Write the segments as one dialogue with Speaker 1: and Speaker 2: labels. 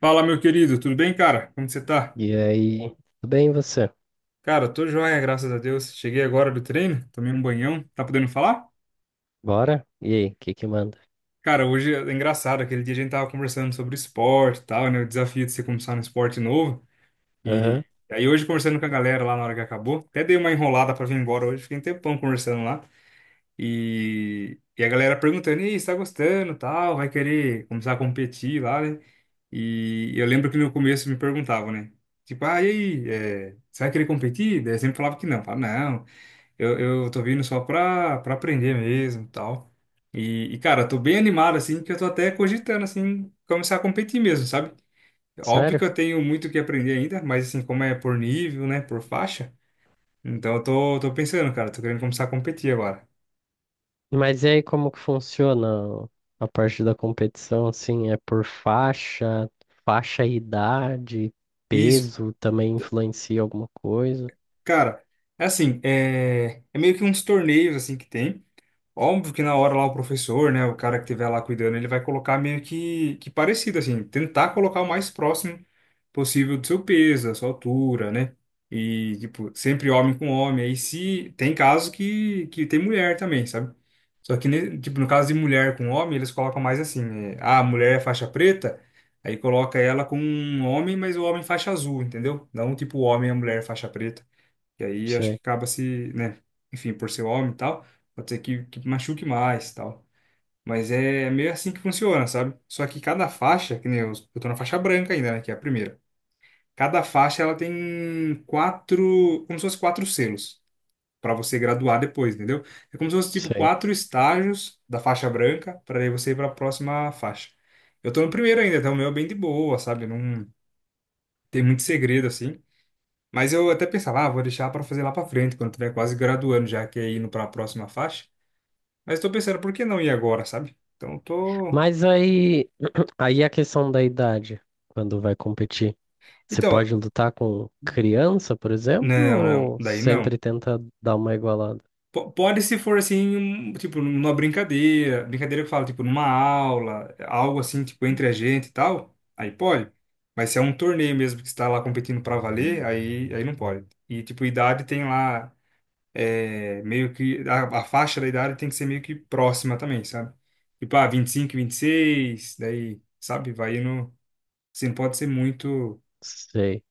Speaker 1: Fala, meu querido, tudo bem, cara? Como você tá?
Speaker 2: E aí, tudo bem e você?
Speaker 1: Cara, tô joia, graças a Deus. Cheguei agora do treino, tomei um banhão. Tá podendo falar?
Speaker 2: Bora? E aí, o que que manda?
Speaker 1: Cara, hoje é engraçado, aquele dia a gente tava conversando sobre esporte e tal, né? O desafio de você começar um esporte novo. E
Speaker 2: Aham.
Speaker 1: aí hoje conversando com a galera lá na hora que acabou, até dei uma enrolada pra vir embora hoje, fiquei um tempão conversando lá. E a galera perguntando, e você tá gostando, e tal, vai querer começar a competir lá, né? E eu lembro que no começo me perguntavam, né? Tipo, ah, e aí, é, você vai querer competir? Daí eu sempre falava que não. Falava, não, eu tô vindo só pra aprender mesmo e tal. Cara, eu tô bem animado, assim, que eu tô até cogitando, assim, começar a competir mesmo, sabe? Óbvio que
Speaker 2: Sério?
Speaker 1: eu tenho muito o que aprender ainda, mas, assim, como é por nível, né, por faixa, então eu tô pensando, cara, tô querendo começar a competir agora.
Speaker 2: Mas e aí, como que funciona a parte da competição, assim, é por faixa, faixa e idade,
Speaker 1: Isso,
Speaker 2: peso também influencia alguma coisa?
Speaker 1: cara, é assim, é meio que uns torneios, assim, que tem. Óbvio que na hora lá o professor, né, o cara que estiver lá cuidando, ele vai colocar meio que parecido, assim, tentar colocar o mais próximo possível do seu peso, da sua altura, né? E, tipo, sempre homem com homem. Aí se tem casos que tem mulher também, sabe? Só que, tipo, no caso de mulher com homem, eles colocam mais assim, é, ah, a mulher é faixa preta, aí coloca ela com um homem, mas o homem faixa azul, entendeu? Não tipo o homem e a mulher faixa preta. E aí acho que
Speaker 2: Sei,
Speaker 1: acaba se, né? Enfim, por ser homem e tal, pode ser que machuque mais e tal. Mas é meio assim que funciona, sabe? Só que cada faixa, que nem eu tô na faixa branca ainda, né? Que é a primeira. Cada faixa ela tem quatro, como se fosse quatro selos para você graduar depois, entendeu? É como se fosse tipo
Speaker 2: sei.
Speaker 1: quatro estágios da faixa branca para aí você ir para a próxima faixa. Eu tô no primeiro ainda, então o meu é bem de boa, sabe? Não tem muito segredo assim. Mas eu até pensava, ah, vou deixar para fazer lá para frente, quando tiver quase graduando, já que é indo para a próxima faixa. Mas estou pensando, por que não ir agora, sabe? Então tô.
Speaker 2: Mas aí, aí a questão da idade, quando vai competir, você
Speaker 1: Então,
Speaker 2: pode lutar com criança, por exemplo,
Speaker 1: não, não,
Speaker 2: ou
Speaker 1: daí não.
Speaker 2: sempre tenta dar uma igualada?
Speaker 1: Pode se for assim, tipo, numa brincadeira, brincadeira que eu falo, tipo, numa aula, algo assim, tipo, entre a gente e tal, aí pode. Mas se é um torneio mesmo que está lá competindo para valer, aí não pode. E, tipo, idade tem lá. É, meio que a faixa da idade tem que ser meio que próxima também, sabe? Tipo, ah, 25, 26, daí, sabe? Vai indo. Assim, não pode ser muito
Speaker 2: Sei.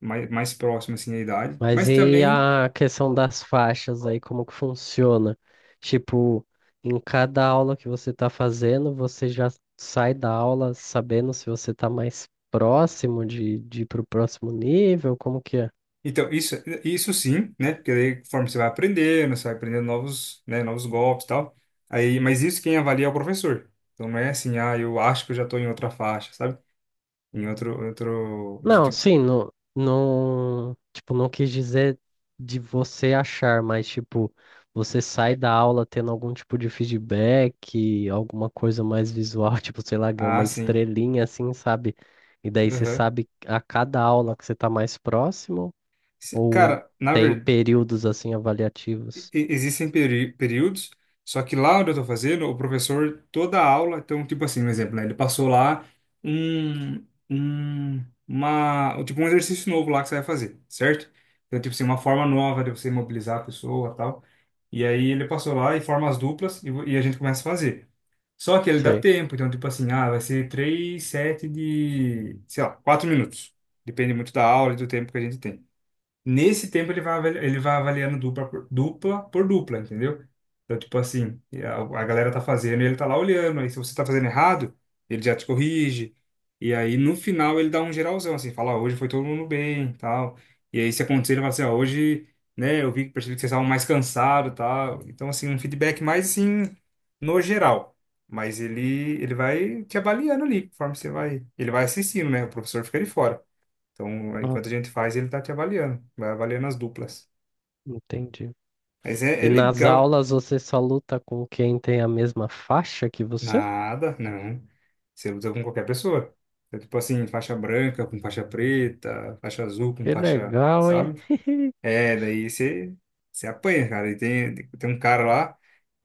Speaker 1: mais próximo, assim, a idade.
Speaker 2: Mas
Speaker 1: Mas
Speaker 2: e
Speaker 1: também.
Speaker 2: a questão das faixas aí, como que funciona? Tipo, em cada aula que você tá fazendo, você já sai da aula sabendo se você tá mais próximo de ir pro próximo nível? Como que é?
Speaker 1: Então, isso sim, né? Porque daí, conforme você vai aprendendo novos, né, novos golpes e tal. Aí, mas isso quem avalia é o professor. Então, não é assim, ah, eu acho que eu já tô em outra faixa, sabe? Em
Speaker 2: Não,
Speaker 1: tipo,
Speaker 2: sim, não, não, tipo, não quis dizer de você achar, mas tipo, você sai da aula tendo algum tipo de feedback, alguma coisa mais visual, tipo, sei lá, ganha
Speaker 1: ah,
Speaker 2: uma
Speaker 1: sim.
Speaker 2: estrelinha assim, sabe? E daí você
Speaker 1: Aham.
Speaker 2: sabe a cada aula que você tá mais próximo, ou
Speaker 1: Cara, na
Speaker 2: tem períodos assim avaliativos.
Speaker 1: e- existem períodos, só que lá onde eu tô fazendo, o professor, toda a aula, então, tipo assim, um exemplo, né? Ele passou lá uma, tipo um exercício novo lá que você vai fazer, certo? Então, tipo assim, uma forma nova de você mobilizar a pessoa e tal. E aí ele passou lá e forma as duplas e, e a gente começa a fazer. Só que ele dá
Speaker 2: Sei.
Speaker 1: tempo, então, tipo assim, ah, vai ser três, sete de, sei lá, 4 minutos. Depende muito da aula e do tempo que a gente tem. Nesse tempo ele vai avaliando dupla por dupla, entendeu? Então, tipo assim, a galera tá fazendo e ele tá lá olhando. Aí se você tá fazendo errado, ele já te corrige. E aí no final ele dá um geralzão, assim, fala, ó, hoje foi todo mundo bem, tal. E aí se acontecer, ele fala assim, ó, hoje, né, eu vi, que percebi que vocês estavam mais cansados, tal. Então, assim, um feedback mais, assim, no geral. Mas ele vai te avaliando ali, conforme você vai... Ele vai assistindo, né? O professor fica ali fora. Então,
Speaker 2: Ah,
Speaker 1: enquanto a gente faz, ele tá te avaliando, vai avaliando as duplas.
Speaker 2: entendi.
Speaker 1: Mas é
Speaker 2: E nas
Speaker 1: legal.
Speaker 2: aulas você só luta com quem tem a mesma faixa que você?
Speaker 1: Nada, não. Você luta com qualquer pessoa. É tipo assim, faixa branca com faixa preta, faixa azul com
Speaker 2: Que
Speaker 1: faixa,
Speaker 2: legal, hein?
Speaker 1: sabe? É, daí você apanha, cara. E tem um cara lá,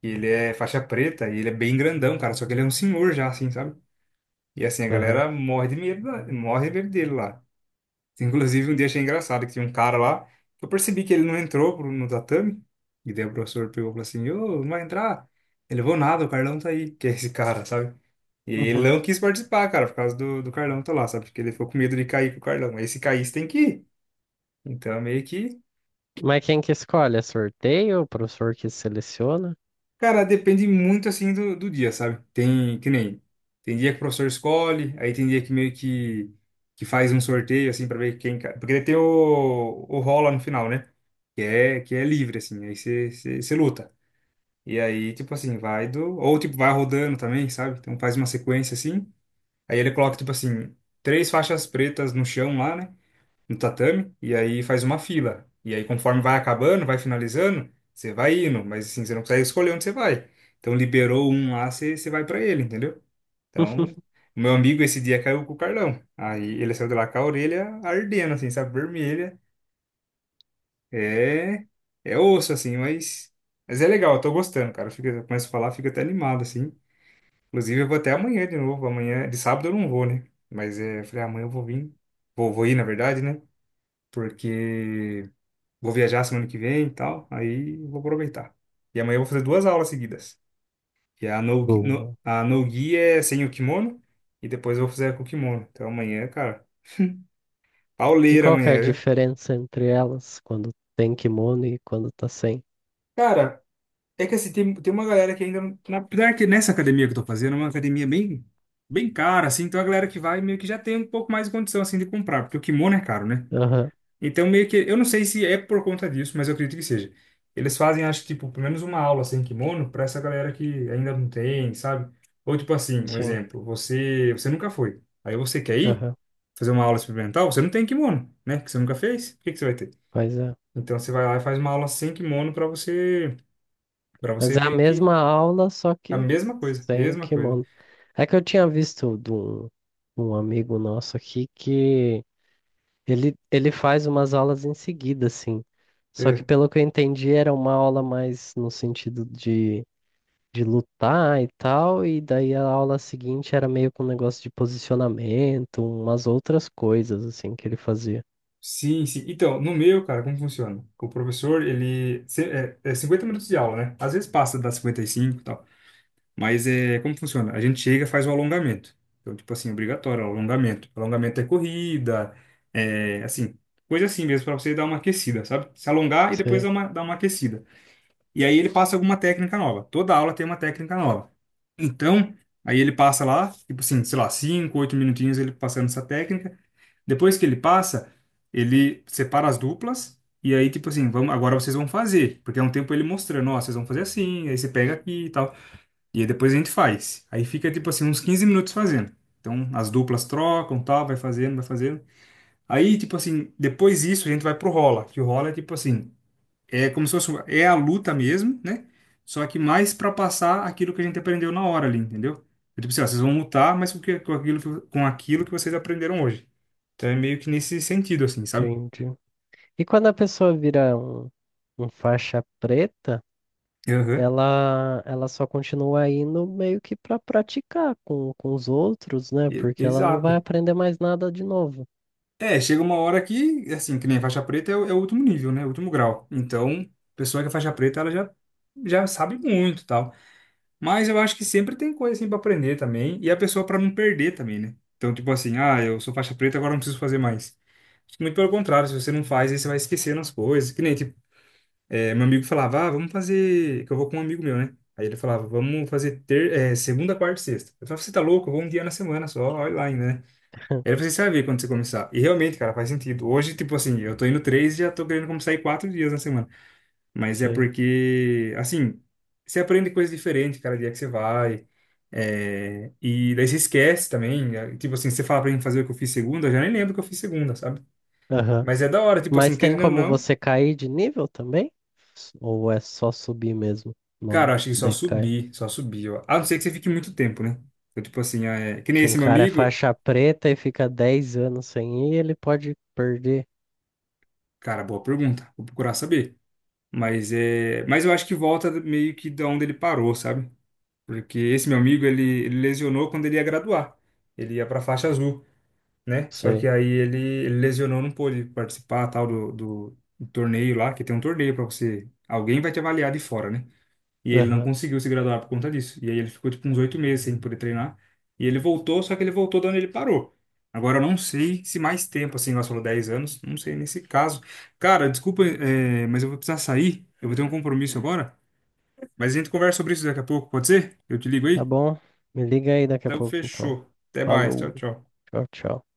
Speaker 1: que ele é faixa preta, e ele é bem grandão, cara, só que ele é um senhor já, assim, sabe? E assim, a
Speaker 2: Aham.
Speaker 1: galera morre de medo, morre de medo dele lá. Inclusive, um dia achei engraçado que tinha um cara lá, que eu percebi que ele não entrou no tatame, e daí o professor pegou e falou assim, ô, não vai entrar? Ele, levou nada, o Carlão tá aí, que é esse cara, sabe? E ele
Speaker 2: Uhum.
Speaker 1: não quis participar, cara, por causa do Carlão tá lá, sabe? Porque ele ficou com medo de cair com o Carlão. Aí se caísse, tem que ir. Então, é meio que,
Speaker 2: Mas quem que escolhe? É sorteio? O professor que seleciona?
Speaker 1: cara, depende muito, assim, do dia, sabe? Tem, que nem, tem dia que o professor escolhe, aí tem dia que meio que faz um sorteio, assim, pra ver quem... Porque ele tem o rola no final, né? que é livre, assim, aí você luta. E aí, tipo assim, vai do. Ou tipo, vai rodando também, sabe? Então faz uma sequência assim. Aí ele coloca, tipo assim, 3 faixas pretas no chão lá, né? No tatame. E aí faz uma fila. E aí, conforme vai acabando, vai finalizando, você vai indo. Mas assim, você não consegue escolher onde você vai. Então liberou um lá, você vai pra ele, entendeu? Então, o meu amigo esse dia caiu com o Carlão. Aí ele saiu de lá com a orelha ardendo, assim, sabe? Vermelha. É, é osso, assim, mas é legal, eu tô gostando, cara. Fica, eu começo a falar, fico até animado, assim. Inclusive, eu vou até amanhã de novo. Amanhã, de sábado eu não vou, né? Mas é, eu falei, amanhã eu vou vir. Vou ir, na verdade, né? Porque vou viajar semana que vem e tal. Aí eu vou aproveitar. E amanhã eu vou fazer duas aulas seguidas. E a no, no,
Speaker 2: Boa.
Speaker 1: a no-gi é sem o kimono. E depois eu vou fazer com o kimono. Então amanhã, cara,
Speaker 2: E
Speaker 1: pauleira
Speaker 2: qual que é a
Speaker 1: amanhã, viu?
Speaker 2: diferença entre elas quando tem kimono e quando tá sem?
Speaker 1: Cara, é que assim, tem uma galera que ainda não. Apesar que nessa academia que eu tô fazendo, é uma academia bem, bem cara, assim, então a galera que vai meio que já tem um pouco mais de condição, assim, de comprar, porque o kimono é caro, né?
Speaker 2: Aham,
Speaker 1: Então meio que. Eu não sei se é por conta disso, mas eu acredito que seja. Eles fazem, acho, tipo, pelo menos uma aula sem kimono pra essa galera que ainda não tem, sabe? Ou tipo assim, um
Speaker 2: sim,
Speaker 1: exemplo, você nunca foi. Aí você quer ir
Speaker 2: aham,
Speaker 1: fazer uma aula experimental, você não tem kimono, né? Que você nunca fez, o que que você vai ter?
Speaker 2: mas é.
Speaker 1: Então você vai lá e faz uma aula sem kimono pra você, para você
Speaker 2: Mas é a
Speaker 1: meio que
Speaker 2: mesma aula, só
Speaker 1: a
Speaker 2: que
Speaker 1: mesma coisa,
Speaker 2: sem
Speaker 1: mesma coisa.
Speaker 2: kimono. É que eu tinha visto de um amigo nosso aqui que ele faz umas aulas em seguida, assim. Só que
Speaker 1: É,
Speaker 2: pelo que eu entendi, era uma aula mais no sentido de lutar e tal, e daí a aula seguinte era meio com um negócio de posicionamento, umas outras coisas assim que ele fazia.
Speaker 1: sim, sim. Então, no meu, cara, como funciona? O professor, ele... é, é 50 minutos de aula, né? Às vezes passa das 55 e cinco e tal. Mas é, como funciona? A gente chega e faz o alongamento. Então, tipo assim, obrigatório, alongamento. Alongamento é corrida, é, assim, coisa assim mesmo, pra você dar uma aquecida, sabe? Se alongar e depois
Speaker 2: Sei,
Speaker 1: dar uma aquecida. E aí ele passa alguma técnica nova. Toda aula tem uma técnica nova. Então, aí ele passa lá, tipo assim, sei lá, 5, 8 minutinhos ele passando essa técnica. Depois que ele passa, ele separa as duplas e aí, tipo assim, vamos, agora vocês vão fazer. Porque é um tempo ele mostrando, ó, vocês vão fazer assim, aí você pega aqui e tal. E aí depois a gente faz. Aí fica, tipo assim, uns 15 minutos fazendo. Então, as duplas trocam, tal, vai fazendo, vai fazendo. Aí, tipo assim, depois disso a gente vai pro rola, que o rola é tipo assim, é como se fosse, é a luta mesmo, né? Só que mais para passar aquilo que a gente aprendeu na hora ali, entendeu? Então, tipo assim, ó, vocês vão lutar, mas com aquilo que vocês aprenderam hoje. Então é meio que nesse sentido, assim, sabe?
Speaker 2: entendi. E quando a pessoa vira um faixa preta,
Speaker 1: Aham.
Speaker 2: ela só continua indo meio que para praticar com os outros, né? Porque ela não vai
Speaker 1: Exato.
Speaker 2: aprender mais nada de novo.
Speaker 1: É, chega uma hora que, assim, que nem faixa preta é o último nível, né? O último grau. Então, a pessoa que é faixa preta, ela já sabe muito e tal. Mas eu acho que sempre tem coisa, assim, pra aprender também. E a pessoa pra não perder também, né? Então, tipo assim, ah, eu sou faixa preta, agora eu não preciso fazer mais. Acho que muito pelo contrário, se você não faz, aí você vai esquecendo as coisas. Que nem, tipo, é, meu amigo falava, ah, vamos fazer. Que eu vou com um amigo meu, né? Aí ele falava, vamos fazer ter... é, segunda, quarta e sexta. Eu falava, você tá louco? Eu vou um dia na semana só, olha lá ainda, né? Aí ele falou, assim, você vai ver quando você começar. E realmente, cara, faz sentido. Hoje, tipo assim, eu tô indo três e já tô querendo começar a ir 4 dias na semana. Mas é
Speaker 2: Sei.
Speaker 1: porque, assim, você aprende coisa diferente cada dia que você vai. É, e daí você esquece também. Tipo assim, você fala pra mim fazer o que eu fiz segunda, eu já nem lembro o que eu fiz segunda, sabe?
Speaker 2: Aham.
Speaker 1: Mas é da hora, tipo
Speaker 2: Mas
Speaker 1: assim,
Speaker 2: tem
Speaker 1: querendo ou
Speaker 2: como
Speaker 1: não,
Speaker 2: você cair de nível também? Ou é só subir mesmo?
Speaker 1: cara,
Speaker 2: Não
Speaker 1: eu acho que
Speaker 2: decai.
Speaker 1: só subir, ó. A não ser que você fique muito tempo, né? Então, tipo assim, é... que nem
Speaker 2: Se um
Speaker 1: esse meu
Speaker 2: cara é
Speaker 1: amigo,
Speaker 2: faixa preta e fica 10 anos sem ir, ele pode perder.
Speaker 1: cara, boa pergunta, vou procurar saber. Mas eu acho que volta meio que da onde ele parou, sabe? Porque esse meu amigo, ele lesionou quando ele ia graduar. Ele ia pra faixa azul, né? Só que
Speaker 2: Sei.
Speaker 1: aí ele lesionou, não pôde participar, tal, do torneio lá, que tem um torneio pra você, alguém vai te avaliar de fora, né? E ele não
Speaker 2: Aham.
Speaker 1: conseguiu se graduar por conta disso. E aí ele ficou tipo uns 8 meses sem poder treinar. E ele voltou, só que ele voltou de onde ele parou. Agora eu não sei se mais tempo, assim, nós falou 10 anos, não sei nesse caso. Cara, desculpa, é, mas eu vou precisar sair. Eu vou ter um compromisso agora. Mas a gente conversa sobre isso daqui a pouco, pode ser? Eu te ligo
Speaker 2: Tá
Speaker 1: aí?
Speaker 2: bom? Me liga aí daqui a
Speaker 1: Então
Speaker 2: pouco, então.
Speaker 1: fechou. Até mais. Tchau,
Speaker 2: Falou.
Speaker 1: tchau.
Speaker 2: Tchau, tchau.